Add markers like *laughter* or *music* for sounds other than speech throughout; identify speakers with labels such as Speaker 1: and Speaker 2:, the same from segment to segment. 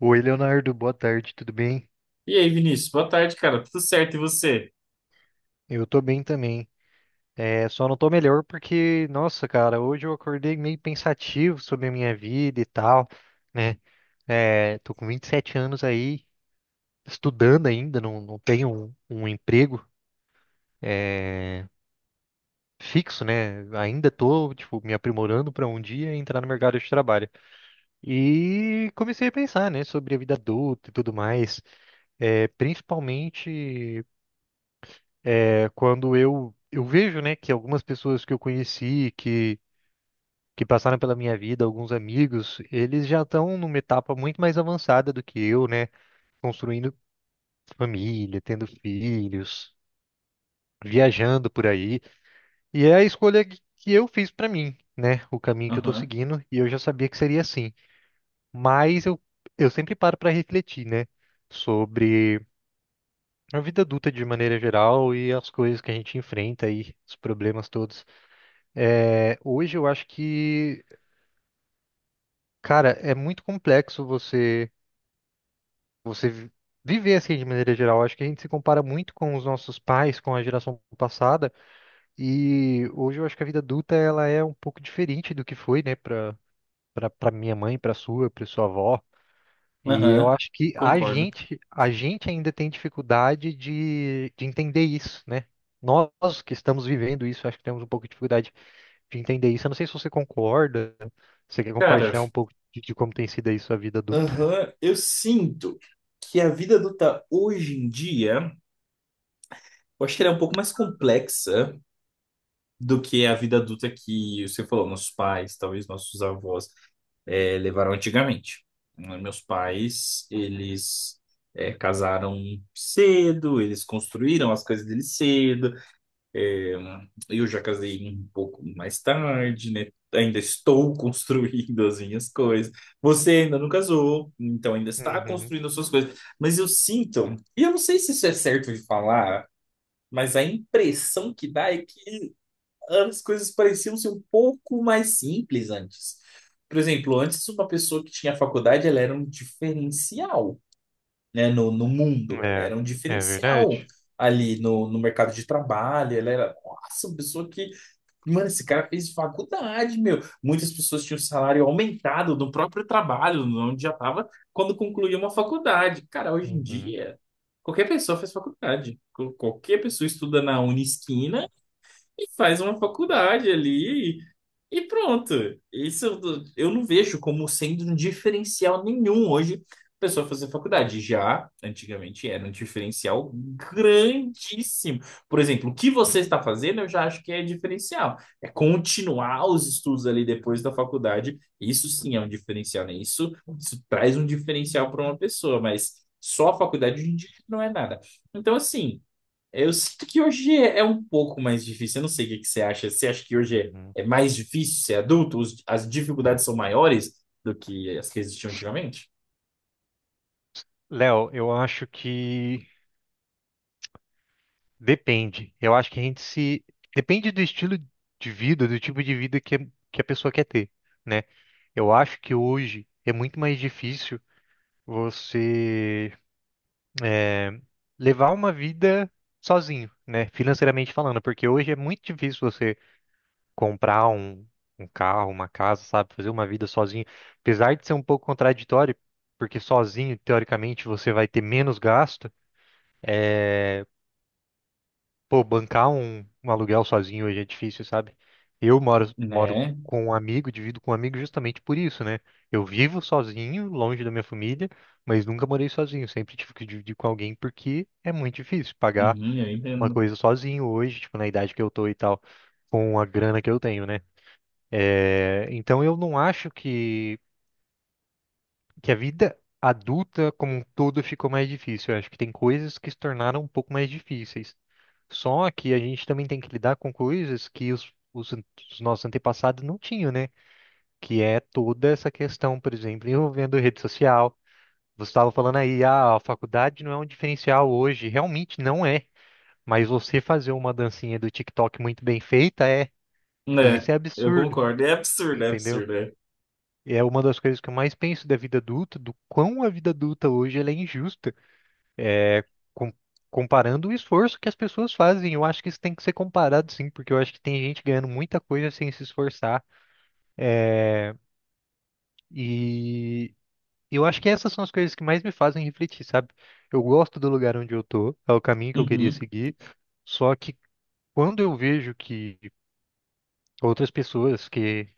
Speaker 1: Oi, Leonardo, boa tarde, tudo bem?
Speaker 2: E aí, Vinícius, boa tarde, cara. Tudo certo, e você?
Speaker 1: Eu tô bem também. Só não tô melhor porque, nossa, cara, hoje eu acordei meio pensativo sobre a minha vida e tal, né? Tô com 27 anos aí, estudando ainda, não tenho um emprego é, fixo, né? Ainda tô, tipo, me aprimorando pra um dia entrar no mercado de trabalho. E comecei a pensar, né, sobre a vida adulta e tudo mais, principalmente. Quando eu vejo, né, que algumas pessoas que eu conheci, que passaram pela minha vida, alguns amigos, eles já estão numa etapa muito mais avançada do que eu, né, construindo família, tendo filhos, viajando por aí. E é a escolha que eu fiz para mim, né, o caminho que eu tô
Speaker 2: Aham,
Speaker 1: seguindo, e eu já sabia que seria assim. Mas eu sempre paro para refletir, né, sobre a vida adulta de maneira geral e as coisas que a gente enfrenta aí, os problemas todos. Hoje eu acho que, cara, é muito complexo você vi- viver assim de maneira geral. Eu acho que a gente se compara muito com os nossos pais, com a geração passada, e hoje eu acho que a vida adulta ela é um pouco diferente do que foi, né, para minha mãe, para sua avó. E eu
Speaker 2: aham,
Speaker 1: acho que
Speaker 2: concordo.
Speaker 1: a gente ainda tem dificuldade de entender isso, né? Nós que estamos vivendo isso, acho que temos um pouco de dificuldade de entender isso. Eu não sei se você concorda, você quer
Speaker 2: Cara,
Speaker 1: compartilhar um pouco de como tem sido aí sua vida adulta?
Speaker 2: aham, eu sinto que a vida adulta hoje em dia, eu acho que ela é um pouco mais complexa do que a vida adulta que você falou, nossos pais, talvez nossos avós, levaram antigamente. Né, meus pais, eles casaram cedo, eles construíram as coisas deles cedo. É, eu já casei um pouco mais tarde, né? Ainda estou *laughs* construindo as minhas coisas. Você ainda não casou, então ainda está
Speaker 1: Uhum.
Speaker 2: construindo as suas coisas. Mas eu sinto, e eu não sei se isso é certo de falar, mas a impressão que dá é que as coisas pareciam ser um pouco mais simples antes. Por exemplo, antes uma pessoa que tinha faculdade, ela era um diferencial, né, no, no mundo. Ela
Speaker 1: É,
Speaker 2: era um
Speaker 1: é
Speaker 2: diferencial
Speaker 1: verdade.
Speaker 2: ali no, no mercado de trabalho. Ela era, nossa, uma pessoa que, mano, esse cara fez faculdade, meu. Muitas pessoas tinham um salário aumentado no próprio trabalho, onde já estava, quando concluía uma faculdade. Cara, hoje em
Speaker 1: Uhum.
Speaker 2: dia, qualquer pessoa faz faculdade. Qualquer pessoa estuda na Unisquina e faz uma faculdade ali e pronto. Isso eu não vejo como sendo um diferencial nenhum hoje a pessoa fazer faculdade. Já antigamente era um diferencial grandíssimo. Por exemplo, o que você está fazendo, eu já acho que é diferencial. É continuar os estudos ali depois da faculdade. Isso sim é um diferencial, né? Isso, isso traz um diferencial para uma pessoa, mas só a faculdade hoje em dia não é nada. Então, assim. Eu sinto que hoje é um pouco mais difícil. Eu não sei o que que você acha. Você acha que hoje é
Speaker 1: Uhum.
Speaker 2: mais difícil ser adulto? As dificuldades são maiores do que as que existiam antigamente?
Speaker 1: Léo, eu acho que depende. Eu acho que a gente se. Depende do estilo de vida, do tipo de vida que a pessoa quer ter, né? Eu acho que hoje é muito mais difícil você eh, levar uma vida sozinho, né? Financeiramente falando, porque hoje é muito difícil você comprar um carro, uma casa, sabe? Fazer uma vida sozinho. Apesar de ser um pouco contraditório, porque sozinho, teoricamente, você vai ter menos gasto. Pô, bancar um aluguel sozinho hoje é difícil, sabe? Moro
Speaker 2: Né?
Speaker 1: com um amigo, divido com um amigo justamente por isso, né? Eu vivo sozinho, longe da minha família, mas nunca morei sozinho. Sempre tive que dividir com alguém porque é muito difícil pagar
Speaker 2: Uhum, eu
Speaker 1: uma
Speaker 2: entendo.
Speaker 1: coisa sozinho hoje, tipo, na idade que eu tô e tal, com a grana que eu tenho, né? Então eu não acho que a vida adulta como um todo ficou mais difícil. Eu acho que tem coisas que se tornaram um pouco mais difíceis. Só que a gente também tem que lidar com coisas que os nossos antepassados não tinham, né? Que é toda essa questão, por exemplo, envolvendo rede social. Você estava falando aí, ah, a faculdade não é um diferencial hoje. Realmente não é. Mas você fazer uma dancinha do TikTok muito bem feita é. E
Speaker 2: Né?
Speaker 1: isso é
Speaker 2: Eu
Speaker 1: absurdo,
Speaker 2: concordo. É absurdo, é
Speaker 1: entendeu?
Speaker 2: absurdo. É.
Speaker 1: E é uma das coisas que eu mais penso da vida adulta, do quão a vida adulta hoje ela é injusta. com- comparando o esforço que as pessoas fazem. Eu acho que isso tem que ser comparado, sim, porque eu acho que tem gente ganhando muita coisa sem se esforçar. E eu acho que essas são as coisas que mais me fazem refletir, sabe? Eu gosto do lugar onde eu tô, é o caminho que eu queria
Speaker 2: Uhum,
Speaker 1: seguir, só que quando eu vejo que outras pessoas que,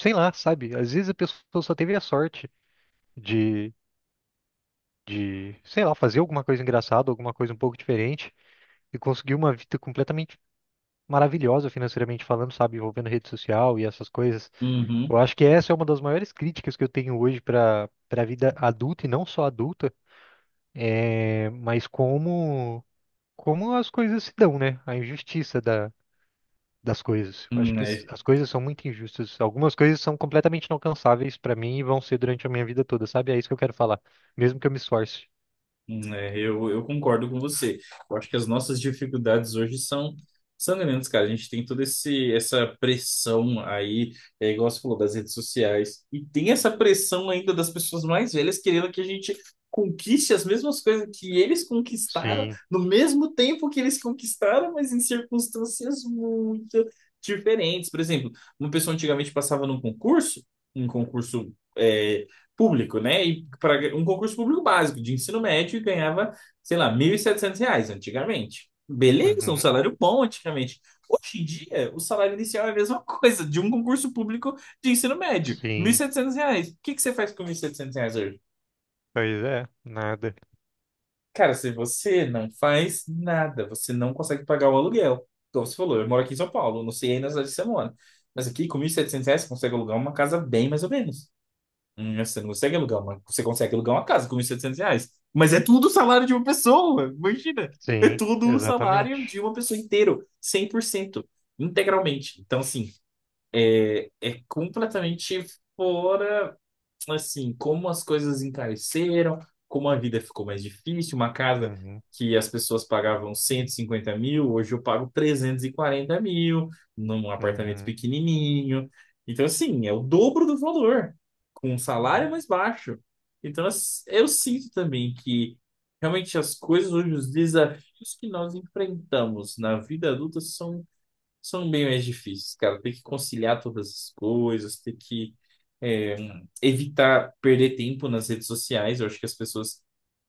Speaker 1: sei lá, sabe? Às vezes a pessoa só teve a sorte de, de, sei lá, fazer alguma coisa engraçada, alguma coisa um pouco diferente e conseguir uma vida completamente maravilhosa financeiramente falando, sabe, envolvendo rede social e essas coisas. Eu
Speaker 2: uhum.
Speaker 1: acho que essa é uma das maiores críticas que eu tenho hoje para a vida adulta e não só adulta, mas como as coisas se dão, né? A injustiça da das coisas. Eu acho que
Speaker 2: É.
Speaker 1: as coisas são muito injustas. Algumas coisas são completamente inalcançáveis para mim e vão ser durante a minha vida toda, sabe? É isso que eu quero falar, mesmo que eu me esforce.
Speaker 2: É, eu concordo com você. Eu acho que as nossas dificuldades hoje são, são grandes, cara. A gente tem toda esse, essa pressão aí, é, igual você falou, das redes sociais. E tem essa pressão ainda das pessoas mais velhas querendo que a gente conquiste as mesmas coisas que eles conquistaram,
Speaker 1: Sim.
Speaker 2: no mesmo tempo que eles conquistaram, mas em circunstâncias muito diferentes. Por exemplo, uma pessoa antigamente passava num concurso, um concurso, público, né? E para um concurso público básico de ensino médio e ganhava, sei lá, 1.700 reais antigamente. Beleza, um
Speaker 1: Uhum.
Speaker 2: salário bom antigamente. Hoje em dia, o salário inicial é a mesma *laughs* coisa de um concurso público de ensino médio, mil e
Speaker 1: Sim.
Speaker 2: setecentos reais. O que que você faz com 1.700 reais hoje?
Speaker 1: Pois é, nada.
Speaker 2: Cara, se você não faz nada, você não consegue pagar o aluguel. Como você falou, eu moro aqui em São Paulo, não sei aí na cidade de semana. Mas aqui, com 1.700 reais, você consegue alugar uma casa bem mais ou menos. Você não consegue alugar uma, você consegue alugar uma casa com 1.700 reais. Mas é tudo o salário de uma pessoa, *laughs* imagina. É
Speaker 1: Sim,
Speaker 2: tudo o salário de
Speaker 1: exatamente.
Speaker 2: uma pessoa inteiro, 100%, integralmente. Então, assim, é completamente fora assim, como as coisas encareceram, como a vida ficou mais difícil, uma casa
Speaker 1: Uhum.
Speaker 2: que as pessoas pagavam 150 mil, hoje eu pago 340 mil num apartamento
Speaker 1: Uhum.
Speaker 2: pequenininho. Então, assim, é o dobro do valor, com um salário mais baixo. Então, eu sinto também que realmente as coisas hoje, os desafios que nós enfrentamos na vida adulta são bem mais difíceis, cara. Tem que conciliar todas as coisas, tem que é, evitar perder tempo nas redes sociais. Eu acho que as pessoas.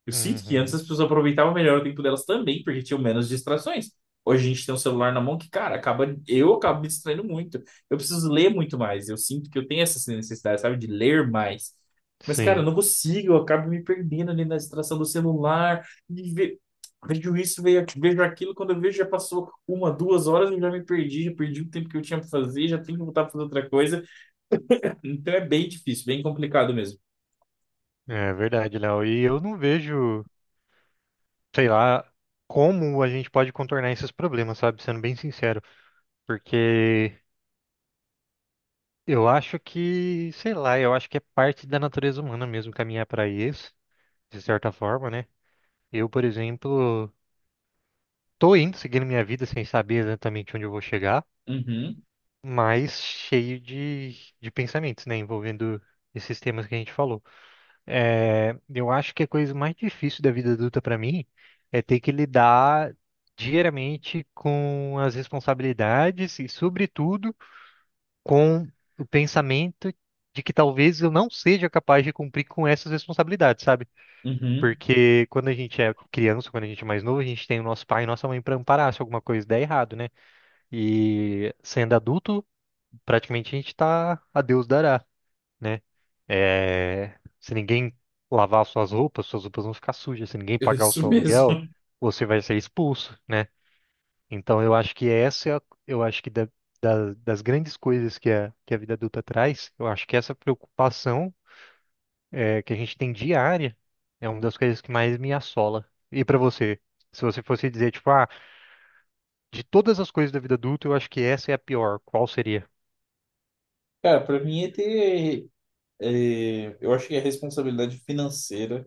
Speaker 2: Eu sinto que antes
Speaker 1: Uhum.
Speaker 2: as pessoas aproveitavam melhor o tempo delas também, porque tinham menos distrações. Hoje a gente tem um celular na mão que, cara, acaba, eu acabo me distraindo muito. Eu preciso ler muito mais. Eu sinto que eu tenho essa necessidade, sabe, de ler mais. Mas, cara, eu
Speaker 1: Sim,
Speaker 2: não consigo, eu acabo me perdendo ali na distração do celular. Vejo isso, vejo vejo aquilo, quando eu vejo já passou uma, duas horas, eu já me perdi, já perdi o tempo que eu tinha para fazer, já tenho que voltar para fazer outra coisa. Então é bem difícil, bem complicado mesmo.
Speaker 1: é verdade, Léo. E eu não vejo, sei lá, como a gente pode contornar esses problemas, sabe? Sendo bem sincero, porque eu acho que, sei lá, eu acho que é parte da natureza humana mesmo caminhar para isso, de certa forma, né? Eu, por exemplo, tô indo seguindo minha vida sem saber exatamente onde eu vou chegar,
Speaker 2: Uhum,
Speaker 1: mas cheio de pensamentos, né? Envolvendo esses temas que a gente falou. É, eu acho que a coisa mais difícil da vida adulta para mim é ter que lidar diariamente com as responsabilidades e, sobretudo, com o pensamento de que talvez eu não seja capaz de cumprir com essas responsabilidades, sabe?
Speaker 2: uhum,
Speaker 1: Porque quando a gente é criança, quando a gente é mais novo, a gente tem o nosso pai e nossa mãe para amparar se alguma coisa der errado, né? E sendo adulto, praticamente a gente tá a Deus dará, né? É, se ninguém lavar suas roupas vão ficar sujas. Se ninguém
Speaker 2: *laughs* é
Speaker 1: pagar o
Speaker 2: isso
Speaker 1: seu aluguel,
Speaker 2: mesmo.
Speaker 1: você vai ser expulso, né? Então eu acho que essa, eu acho que das grandes coisas que a vida adulta traz, eu acho que essa preocupação que a gente tem diária é uma das coisas que mais me assola. E pra você, se você fosse dizer, tipo, ah, de todas as coisas da vida adulta, eu acho que essa é a pior. Qual seria?
Speaker 2: Cara, para mim é ter, é, eu acho que é responsabilidade financeira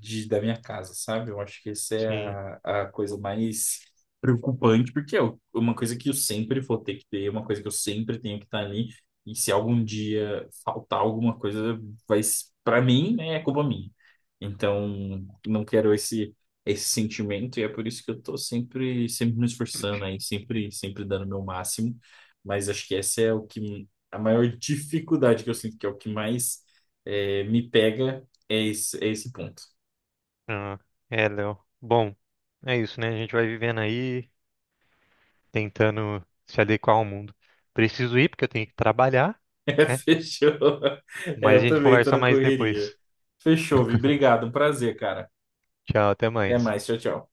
Speaker 2: da minha casa, sabe? Eu acho que essa é
Speaker 1: Sim.
Speaker 2: a coisa mais preocupante, porque é uma coisa que eu sempre vou ter que ter, uma coisa que eu sempre tenho que estar ali, e se algum dia faltar alguma coisa, vai, para mim, né, é culpa minha. Então, não quero esse, esse sentimento, e é por isso que eu tô sempre sempre me esforçando aí, sempre sempre dando o meu máximo, mas acho que essa é o que a maior dificuldade que eu sinto, que é o que mais me pega é esse ponto.
Speaker 1: Ah, é, Léo. Bom, é isso, né? A gente vai vivendo aí, tentando se adequar ao mundo. Preciso ir porque eu tenho que trabalhar,
Speaker 2: É, *laughs*
Speaker 1: né?
Speaker 2: fechou. É,
Speaker 1: Mas
Speaker 2: eu
Speaker 1: a gente
Speaker 2: também tô
Speaker 1: conversa
Speaker 2: na
Speaker 1: mais
Speaker 2: correria.
Speaker 1: depois.
Speaker 2: Fechou, Vi. Obrigado, um prazer, cara.
Speaker 1: Tchau, até
Speaker 2: Até
Speaker 1: mais.
Speaker 2: mais, tchau, tchau.